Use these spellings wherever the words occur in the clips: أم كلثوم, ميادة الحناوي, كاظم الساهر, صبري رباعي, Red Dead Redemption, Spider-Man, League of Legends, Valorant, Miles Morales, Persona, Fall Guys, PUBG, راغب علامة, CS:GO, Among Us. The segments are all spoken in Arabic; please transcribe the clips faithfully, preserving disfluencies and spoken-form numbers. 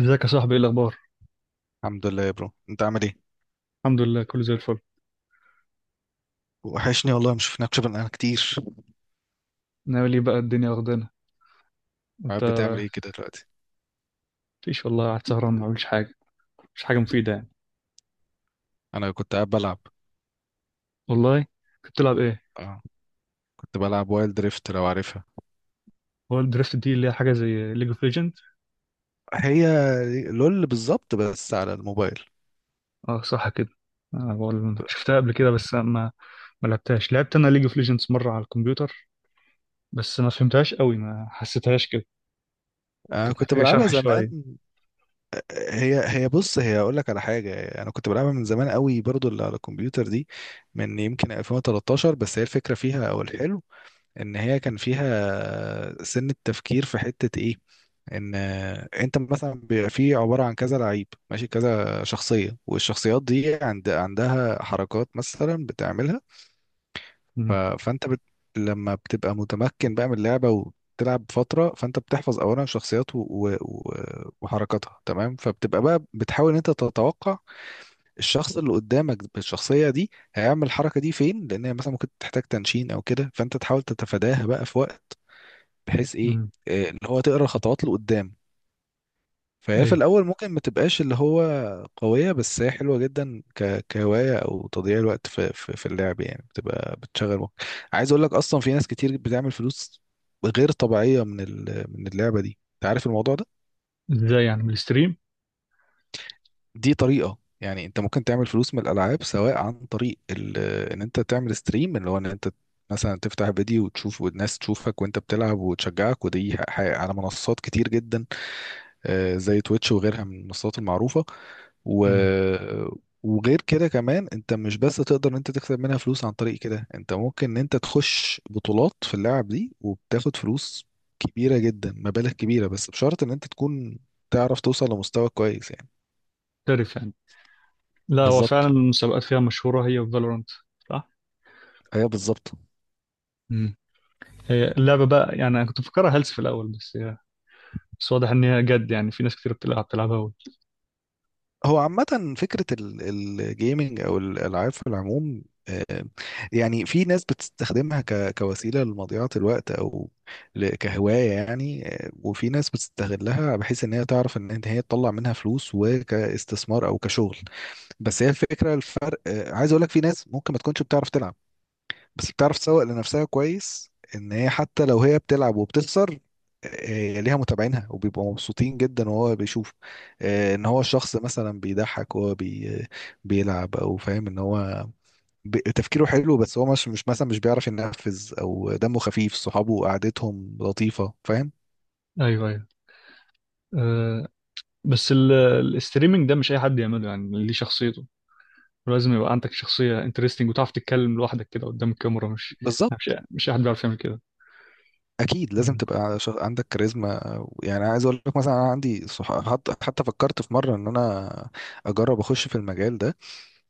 ازيك يا صاحبي؟ ايه الاخبار؟ الحمد لله يا برو، انت عامل ايه؟ الحمد لله، كله زي الفل. وحشني والله، ما شفناكش بقالنا كتير. ناوي ليه بقى؟ الدنيا واخدانا. انت؟ قاعد بتعمل ايه كده دلوقتي؟ مفيش والله، قاعد سهران ما بعملش حاجه. مش حاجه مفيده يعني. انا كنت قاعد بلعب. والله؟ كنت بتلعب ايه؟ اه، كنت بلعب وايلد دريفت، لو عارفها. هو الدرافت دي اللي هي حاجه زي ليج اوف ليجند؟ هي لول، بالظبط، بس على الموبايل. اه صح كده. انا بقول شفتها قبل كده بس ما ما لعبتهاش. لعبت انا ليج اوف ليجندز مره على الكمبيوتر، بس ما فهمتهاش قوي، ما حسيتهاش كده. انا كانت كنت محتاجه بلعبها شرح زمان. شويه. هي هي بص، هي اقول لك على حاجه، انا كنت بلعبها من زمان قوي برضو اللي على الكمبيوتر دي، من يمكن الفين وتلتاشر. بس هي الفكره فيها او الحلو ان هي كان فيها سن التفكير في حتة ايه، ان انت مثلا بيبقى فيه عبارة عن كذا لعيب، ماشي، كذا شخصية، والشخصيات دي عند عندها حركات مثلا بتعملها. ف... امم فانت بت... لما بتبقى متمكن بقى من اللعبة وتلعب فترة، فانت بتحفظ اولا شخصيات و... و... و- وحركاتها، تمام. فبتبقى بقى بتحاول ان انت تتوقع الشخص اللي قدامك بالشخصية دي هيعمل الحركة دي فين، لان هي مثلا ممكن تحتاج تنشين او كده، فانت تحاول تتفاداها بقى في وقت، بحيث ايه، امم آه، اللي هو تقرا الخطوات لقدام. فهي في ايوه. الاول ممكن ما تبقاش اللي هو قويه، بس هي حلوه جدا ك... كهوايه او تضييع الوقت في... في في اللعب يعني، بتبقى بتشغل وقت. عايز اقول لك، اصلا في ناس كتير بتعمل فلوس غير طبيعيه من ال... من اللعبه دي، انت عارف الموضوع ده؟ ازاي يعني؟ من الستريم؟ دي طريقه، يعني انت ممكن تعمل فلوس من الالعاب سواء عن طريق ال... ان انت تعمل ستريم، اللي هو ان انت مثلا تفتح فيديو وتشوف، والناس تشوفك وانت بتلعب وتشجعك، ودي ح- ح- على منصات كتير جدا، آه، زي تويتش وغيرها من المنصات المعروفة. و... امم وغير كده كمان، انت مش بس تقدر ان انت تكسب منها فلوس عن طريق كده، انت ممكن ان انت تخش بطولات في اللعب دي وبتاخد فلوس كبيرة جدا، مبالغ كبيرة، بس بشرط ان انت تكون تعرف توصل لمستوى كويس يعني. تعرف يعني. لا، هو فعلا بالظبط، المسابقات فيها مشهوره، هي وفالورانت. ايوه بالظبط. صح. هي اللعبة بقى يعني، أنا كنت مفكرها هلس في الأول، بس هي، بس واضح إن هي جد. يعني في ناس كتير بتلعب بتلعبها أول. هو عامة فكرة الجيمنج أو الألعاب في العموم، آه، يعني في ناس بتستخدمها ك- كوسيلة لمضيعة الوقت، أو ل- كهواية يعني، آه، وفي ناس بتستغلها بحيث إن هي تعرف إن إن هي تطلع منها فلوس، وكاستثمار أو كشغل. بس هي الفكرة الفرق، آه، عايز أقول لك في ناس ممكن ما تكونش بتعرف تلعب، بس بتعرف تسوق لنفسها كويس، ان هي حتى لو هي بتلعب وبتخسر، آه، ليها متابعينها وبيبقوا مبسوطين جدا، وهو بيشوف، آه، ان هو الشخص مثلا بيضحك وهو بي بيلعب، او فاهم ان هو ب- تفكيره حلو، بس هو مش مش مثلا مش بيعرف ينفذ، او دمه خفيف، صحابه قعدتهم لطيفة، فاهم. أيوه أيوه. أه، بس ال- الاستريمنج ده مش أي حد يعمله يعني، اللي ليه شخصيته. ولازم يبقى عندك شخصية انترستنج وتعرف تتكلم لوحدك كده قدام الكاميرا. مش بالظبط، مش مش أي حد بيعرف يعمل كده. اكيد لازم مم. تبقى ش- عندك كاريزما، يعني عايز اقول لك مثلا انا عندي صح... حتى حتى فكرت في مرة ان انا اجرب اخش في المجال ده،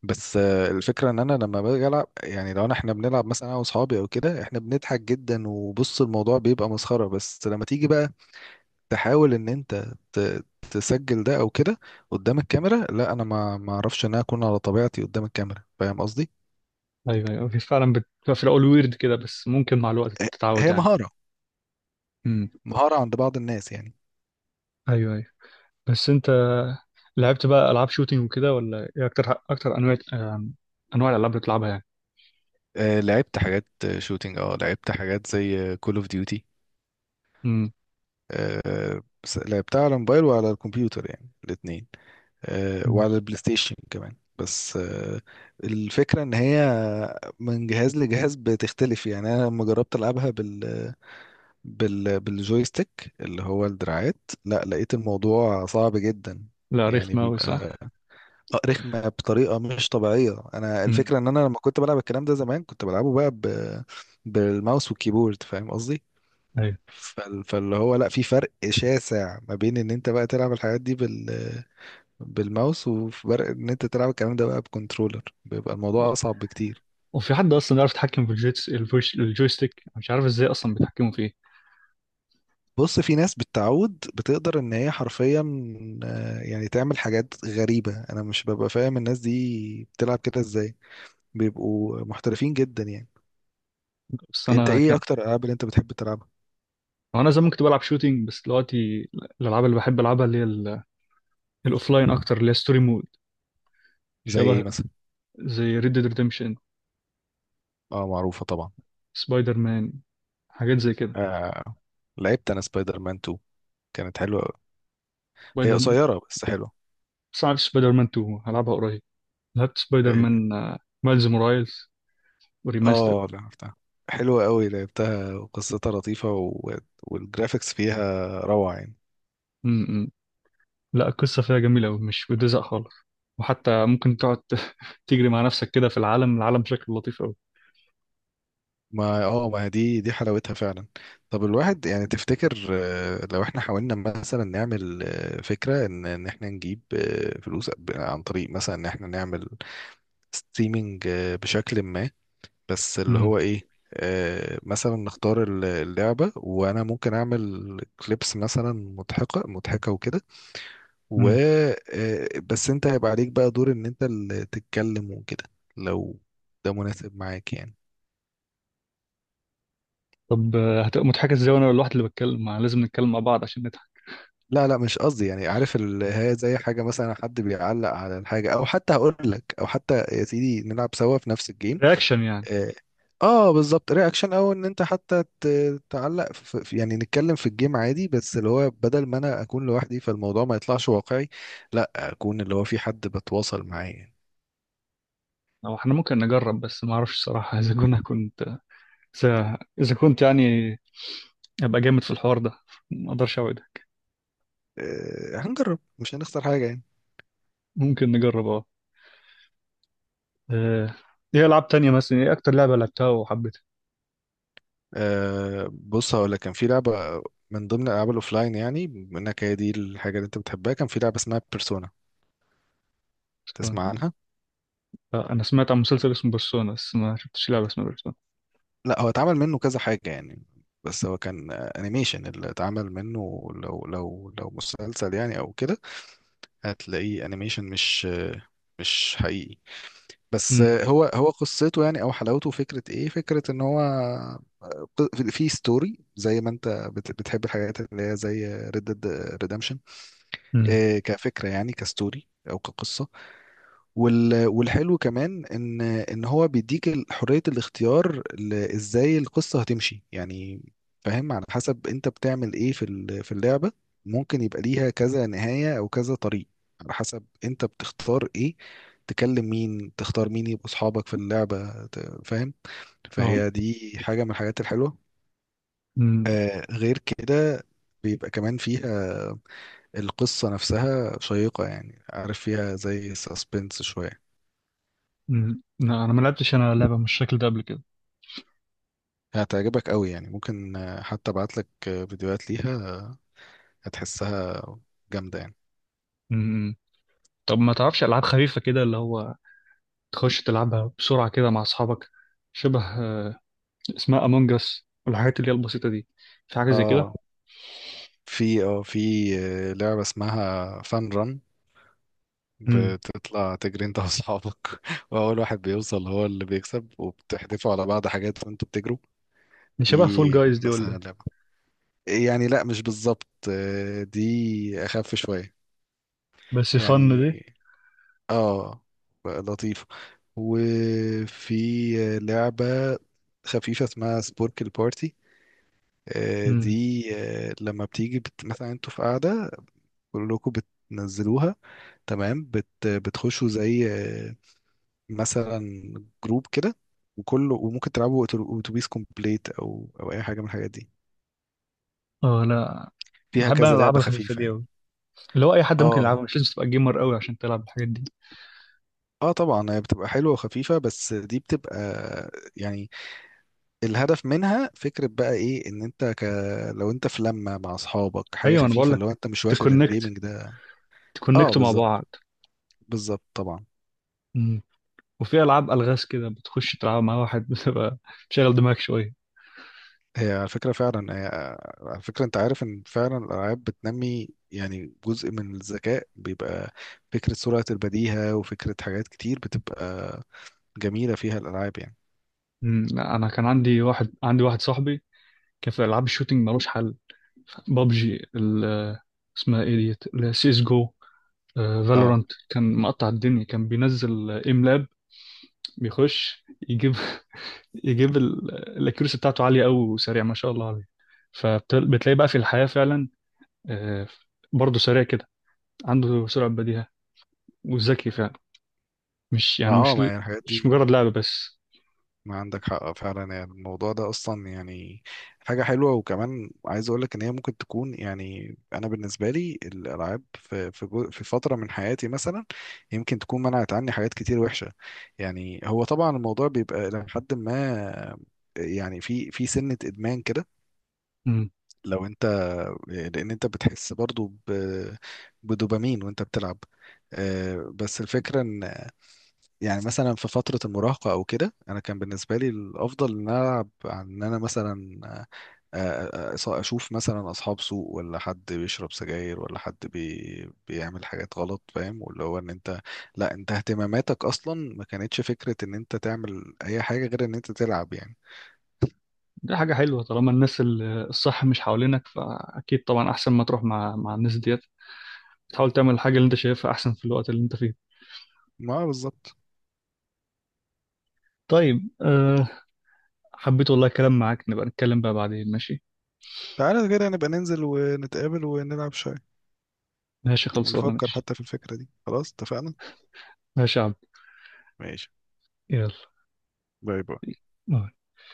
بس آه، الفكرة ان انا لما باجي العب، يعني لو أنا- احنا بنلعب مثلا انا واصحابي او كده، احنا بنضحك جدا، وبص الموضوع بيبقى مسخرة، بس لما تيجي بقى تحاول ان انت ت- تسجل ده او كده قدام الكاميرا، لا انا ما ما اعرفش ان انا اكون على طبيعتي قدام الكاميرا، فاهم قصدي؟ أيوه أيوه، هي فعلا بتبقى في الأول ويرد كده، بس ممكن مع الوقت ه- تتعود هي يعني. مهارة، مم. مهارة عند بعض الناس يعني. أيوه أيوه. بس أنت لعبت بقى ألعاب شوتينج وكده ولا إيه أكتر؟ أكتر أنواع، آم، أنواع الألعاب اللي بتلعبها يعني؟ آه، لعبت حاجات شوتينج، اه لعبت حاجات زي كول اوف ديوتي. مم. لعبتها على الموبايل وعلى الكمبيوتر، يعني الاتنين، آه، مم. وعلى البلاي ستيشن كمان. بس آه، الفكرة ان هي من جهاز لجهاز بتختلف، يعني انا لما جربت العبها بال بال بالجويستيك اللي هو الدراعات، لا لقيت الموضوع صعب جدا، لا، يعني رخمة أوي. بيبقى رخمة بطريقة مش طبيعية. انا امم الفكرة ان انا لما كنت بلعب الكلام ده زمان، كنت بلعبه بقى ب... بالماوس والكيبورد، فاهم قصدي؟ ايوه. فال- فاللي هو لا، في فرق شاسع ما بين ان انت بقى تلعب الحاجات دي بالماوس، وفي فرق ان انت تلعب الكلام ده بقى بكنترولر، بيبقى و- الموضوع اصعب بكتير. وفي حد اصلا يعرف يتحكم في الجيتس الفوش الجويستيك؟ مش عارف ازاي اصلا بيتحكموا فيه. بص، في ناس بالتعود بتقدر ان هي حرفيا، آه، يعني تعمل حاجات غريبة، انا مش ببقى فاهم الناس دي بتلعب كده ازاي، بيبقوا محترفين جدا يعني. بس انت انا ايه كان اكتر الالعاب اللي انت بتحب تلعبها؟ انا زمان كنت بلعب شوتينج، بس دلوقتي الالعاب اللي بحب العبها اللي هي ال- الاوفلاين اكتر، اللي هي ستوري مود زي شبه. ايه مثلا؟ زي ريد ديد ريدمشن، اه معروفة طبعا. سبايدر مان، حاجات زي كده. آه، لعبت انا سبايدر مان اتنين، كانت حلوة أوي. هي سبايدر مان، قصيرة بس حلوة. بس عارف سبايدر مان اتنين هلعبها قريب. لعبت سبايدر آه، مان آه، مايلز مورايلز وريماستر. اه لعبتها، حلوة قوي لعبتها، وقصتها لطيفة، و... والجرافيكس فيها روعة يعني. امم لا القصه فيها جميله قوي، مش بتزهق خالص. وحتى ممكن تقعد تجري مع نفسك كده في العالم، العالم شكله لطيف. ما اه ما دي دي حلاوتها فعلا. طب الواحد يعني تفتكر آه، لو احنا حاولنا مثلا نعمل آه، فكرة ان ان احنا نجيب آه، فلوس ب- عن طريق مثلا ان احنا نعمل ستريمينج بشكل ما، بس اللي مم. هو ايه، آه، مثلا نختار ال- اللعبة، وانا ممكن اعمل كليبس مثلا مضحكة مضحكة وكده، و مم. آه، بس انت هيبقى عليك بقى دور ان انت اللي تتكلم وكده، لو ده مناسب معاك يعني. طب آه، هتبقى مضحكة ازاي وانا الواحد اللي بتكلم؟ ما لازم نتكلم مع بعض عشان نضحك. لا لا، مش قصدي، يعني عارف ال- هي زي حاجة مثلا حد بيعلق على الحاجة، او حتى هقول لك، او حتى يا سيدي نلعب سوا في نفس الجيم. رياكشن يعني؟ اه، آه، بالظبط، رياكشن، او ان انت حتى ت- تعلق في في- يعني نتكلم في الجيم عادي، بس اللي هو بدل ما انا اكون لوحدي فالموضوع ما يطلعش واقعي، لا اكون اللي هو في حد بتواصل معاه يعني. او احنا ممكن نجرب، بس ما اعرفش الصراحة اذا كنا كنت اذا إذا كنت يعني ابقى جامد في الحوار ده. ما اقدرش اوعدك. آه، هنجرب، مش هنخسر حاجة يعني. ممكن نجرب، اه. آه، ايه العاب تانية؟ مثلا ايه اكتر لعبة لعبتها وحبيتها؟ آه بص، هقول لك كان في لعبة من ضمن الألعاب الأوفلاين، يعني بما إنك هي دي الحاجة اللي أنت بتحبها، كان في لعبة اسمها بيرسونا، بيرسونا. تسمع عنها؟ آه، انا سمعت عن مسلسل اسمه بيرسونا، بس ما شفتش لعبة اسمها بيرسونا. لا، هو اتعمل منه كذا حاجة يعني، بس هو كان أنيميشن، اللي اتعمل منه لو لو لو مسلسل يعني أو كده، هتلاقيه أنيميشن، مش آه، مش حقيقي. بس امم آه، هو هو قصته يعني أو حلاوته فكرة إيه؟ فكرة إن هو آه، في ستوري، زي ما أنت بت- بتحب الحاجات اللي هي زي ريد ديد. امم آه، كفكره يعني، كستوري او كقصه. وال- والحلو كمان ان ان هو بيديك ال- حريه الاختيار ل- ازاي القصه هتمشي يعني، فاهم، على حسب انت بتعمل ايه في ال- في اللعبه، ممكن يبقى ليها كذا نهايه او كذا طريق، على حسب انت بتختار ايه، تكلم مين، تختار مين يبقوا اصحابك في اللعبه ت- فاهم. اه. فهي دي حاجه من الحاجات الحلوه. امم آه غير كده، بيبقى كمان فيها القصة نفسها شيقة يعني، عارف فيها زي ساسبنس شوية، امم لا انا ما لعبتش انا لعبة من الشكل ده قبل كده. هتعجبك قوي يعني. ممكن آه، حتى ابعتلك آه، فيديوهات ليها، آه، هتحسها جامدة يعني. امم طب ما تعرفش العاب خفيفة كده، اللي هو تخش تلعبها بسرعة كده مع أصحابك؟ شبه آه، اسمها أمونج أس والحاجات اللي هي البسيطة دي. في حاجة زي كده؟ اه، في اه في آه، لعبة اسمها فان ران، امم بتطلع تجري انت واصحابك واول واحد بيوصل هو اللي بيكسب، وبتحدفوا على بعض حاجات وانتوا بتجروا. دي شبه فول دي جايز دي ولا إيه؟ مثلا لعبة، يعني لا مش بالظبط، آه، دي اخف شوية بس فن يعني، دي. اه، بقى لطيفة. وفي لعبة خفيفة اسمها سبوركل بارتي، آه، امم دي آه، لما بتيجي بت... مثلا انتوا في قاعدة كلكم بتنزلوها، تمام، بت... بتخشوا زي آه، مثلا جروب كده، وكله، وممكن تلعبوا أتو- اتوبيس كومبليت، او او اي حاجة من الحاجات دي، اه. لا فيها بحب أنا كذا الألعاب لعبة الخفيفة خفيفة دي يعني. أوي، اللي هو أي حد ممكن اه، يلعبها، مش لازم تبقى جيمر أوي عشان تلعب الحاجات دي. اه طبعا هي بتبقى حلوة وخفيفة، بس دي بتبقى يعني الهدف منها فكرة بقى ايه، ان انت ك... لو انت في لمة مع اصحابك حاجة أيوة أنا بقول خفيفة، لو لك، انت مش واخد تكونكت، الجيمنج ده. اه تكونكتوا مع بالظبط، بعض. بالظبط طبعا. امم وفي ألعاب ألغاز كده بتخش تلعب مع واحد بتبقى تشغل دماغك شوية. هي على فكرة فعلا، هي على فكرة انت عارف ان فعلا الالعاب بتنمي يعني جزء من الذكاء، بيبقى فكرة سرعة البديهة، وفكرة حاجات كتير بتبقى جميلة فيها الالعاب يعني. امم لا أنا كان عندي واحد عندي واحد صاحبي كان في ألعاب الشوتينج ملوش حل. بابجي، ال- اسمها ايه ديت اللي هي سيس جو، اه، فالورانت، كان مقطع الدنيا. كان بينزل ام لاب بيخش يجيب يجيب ال- الاكيورسي بتاعته عاليه قوي، وسريع ما شاء الله عليه. فبتلاقي بقى في الحياه فعلا آه، برضه سريع كده، عنده سرعه بديهه، وذكي فعلا. مش ما يعني اه مش ما يعني الحاجات مش دي، مجرد لعبه بس. ما عندك حق فعلا، يعني الموضوع ده اصلا يعني حاجه حلوه. وكمان عايز اقول لك ان هي ممكن تكون، يعني انا بالنسبه لي الالعاب في في جو- في فتره من حياتي مثلا، يمكن تكون منعت عني حاجات كتير وحشه، يعني هو طبعا الموضوع بيبقى لحد ما يعني في في سنه ادمان كده مم. لو انت، آه، لان انت بتحس برضو ب- بدوبامين وانت بتلعب، آه، بس الفكره ان يعني مثلا في فترة المراهقة أو كده، أنا كان بالنسبة لي الأفضل إن أنا ألعب، عن إن أنا مثلا آه، آه، آه، أشوف مثلا أصحاب سوء، ولا حد بيشرب سجاير، ولا حد بي بيعمل حاجات غلط، فاهم، واللي هو إن أنت، لا أنت اهتماماتك أصلا ما كانتش فكرة إن أنت تعمل أي حاجة غير إن أنت تلعب يعني. دي حاجه حلوه، طالما الناس ال- الصح مش حوالينك فاكيد طبعا احسن ما تروح مع مع الناس ديت. تحاول تعمل الحاجه اللي انت شايفها احسن في الوقت اللي انت فيه. ما بالظبط. طيب أه، حبيت والله الكلام معاك. نبقى نتكلم بقى بعدين، ماشي؟ تعالى كده نبقى ننزل ونتقابل ونلعب شوية، ماشي، خلصانة، ونفكر ماشي. حتى في الفكرة دي، خلاص اتفقنا. ماشي يا عبد. ماشي. يلا. باي باي.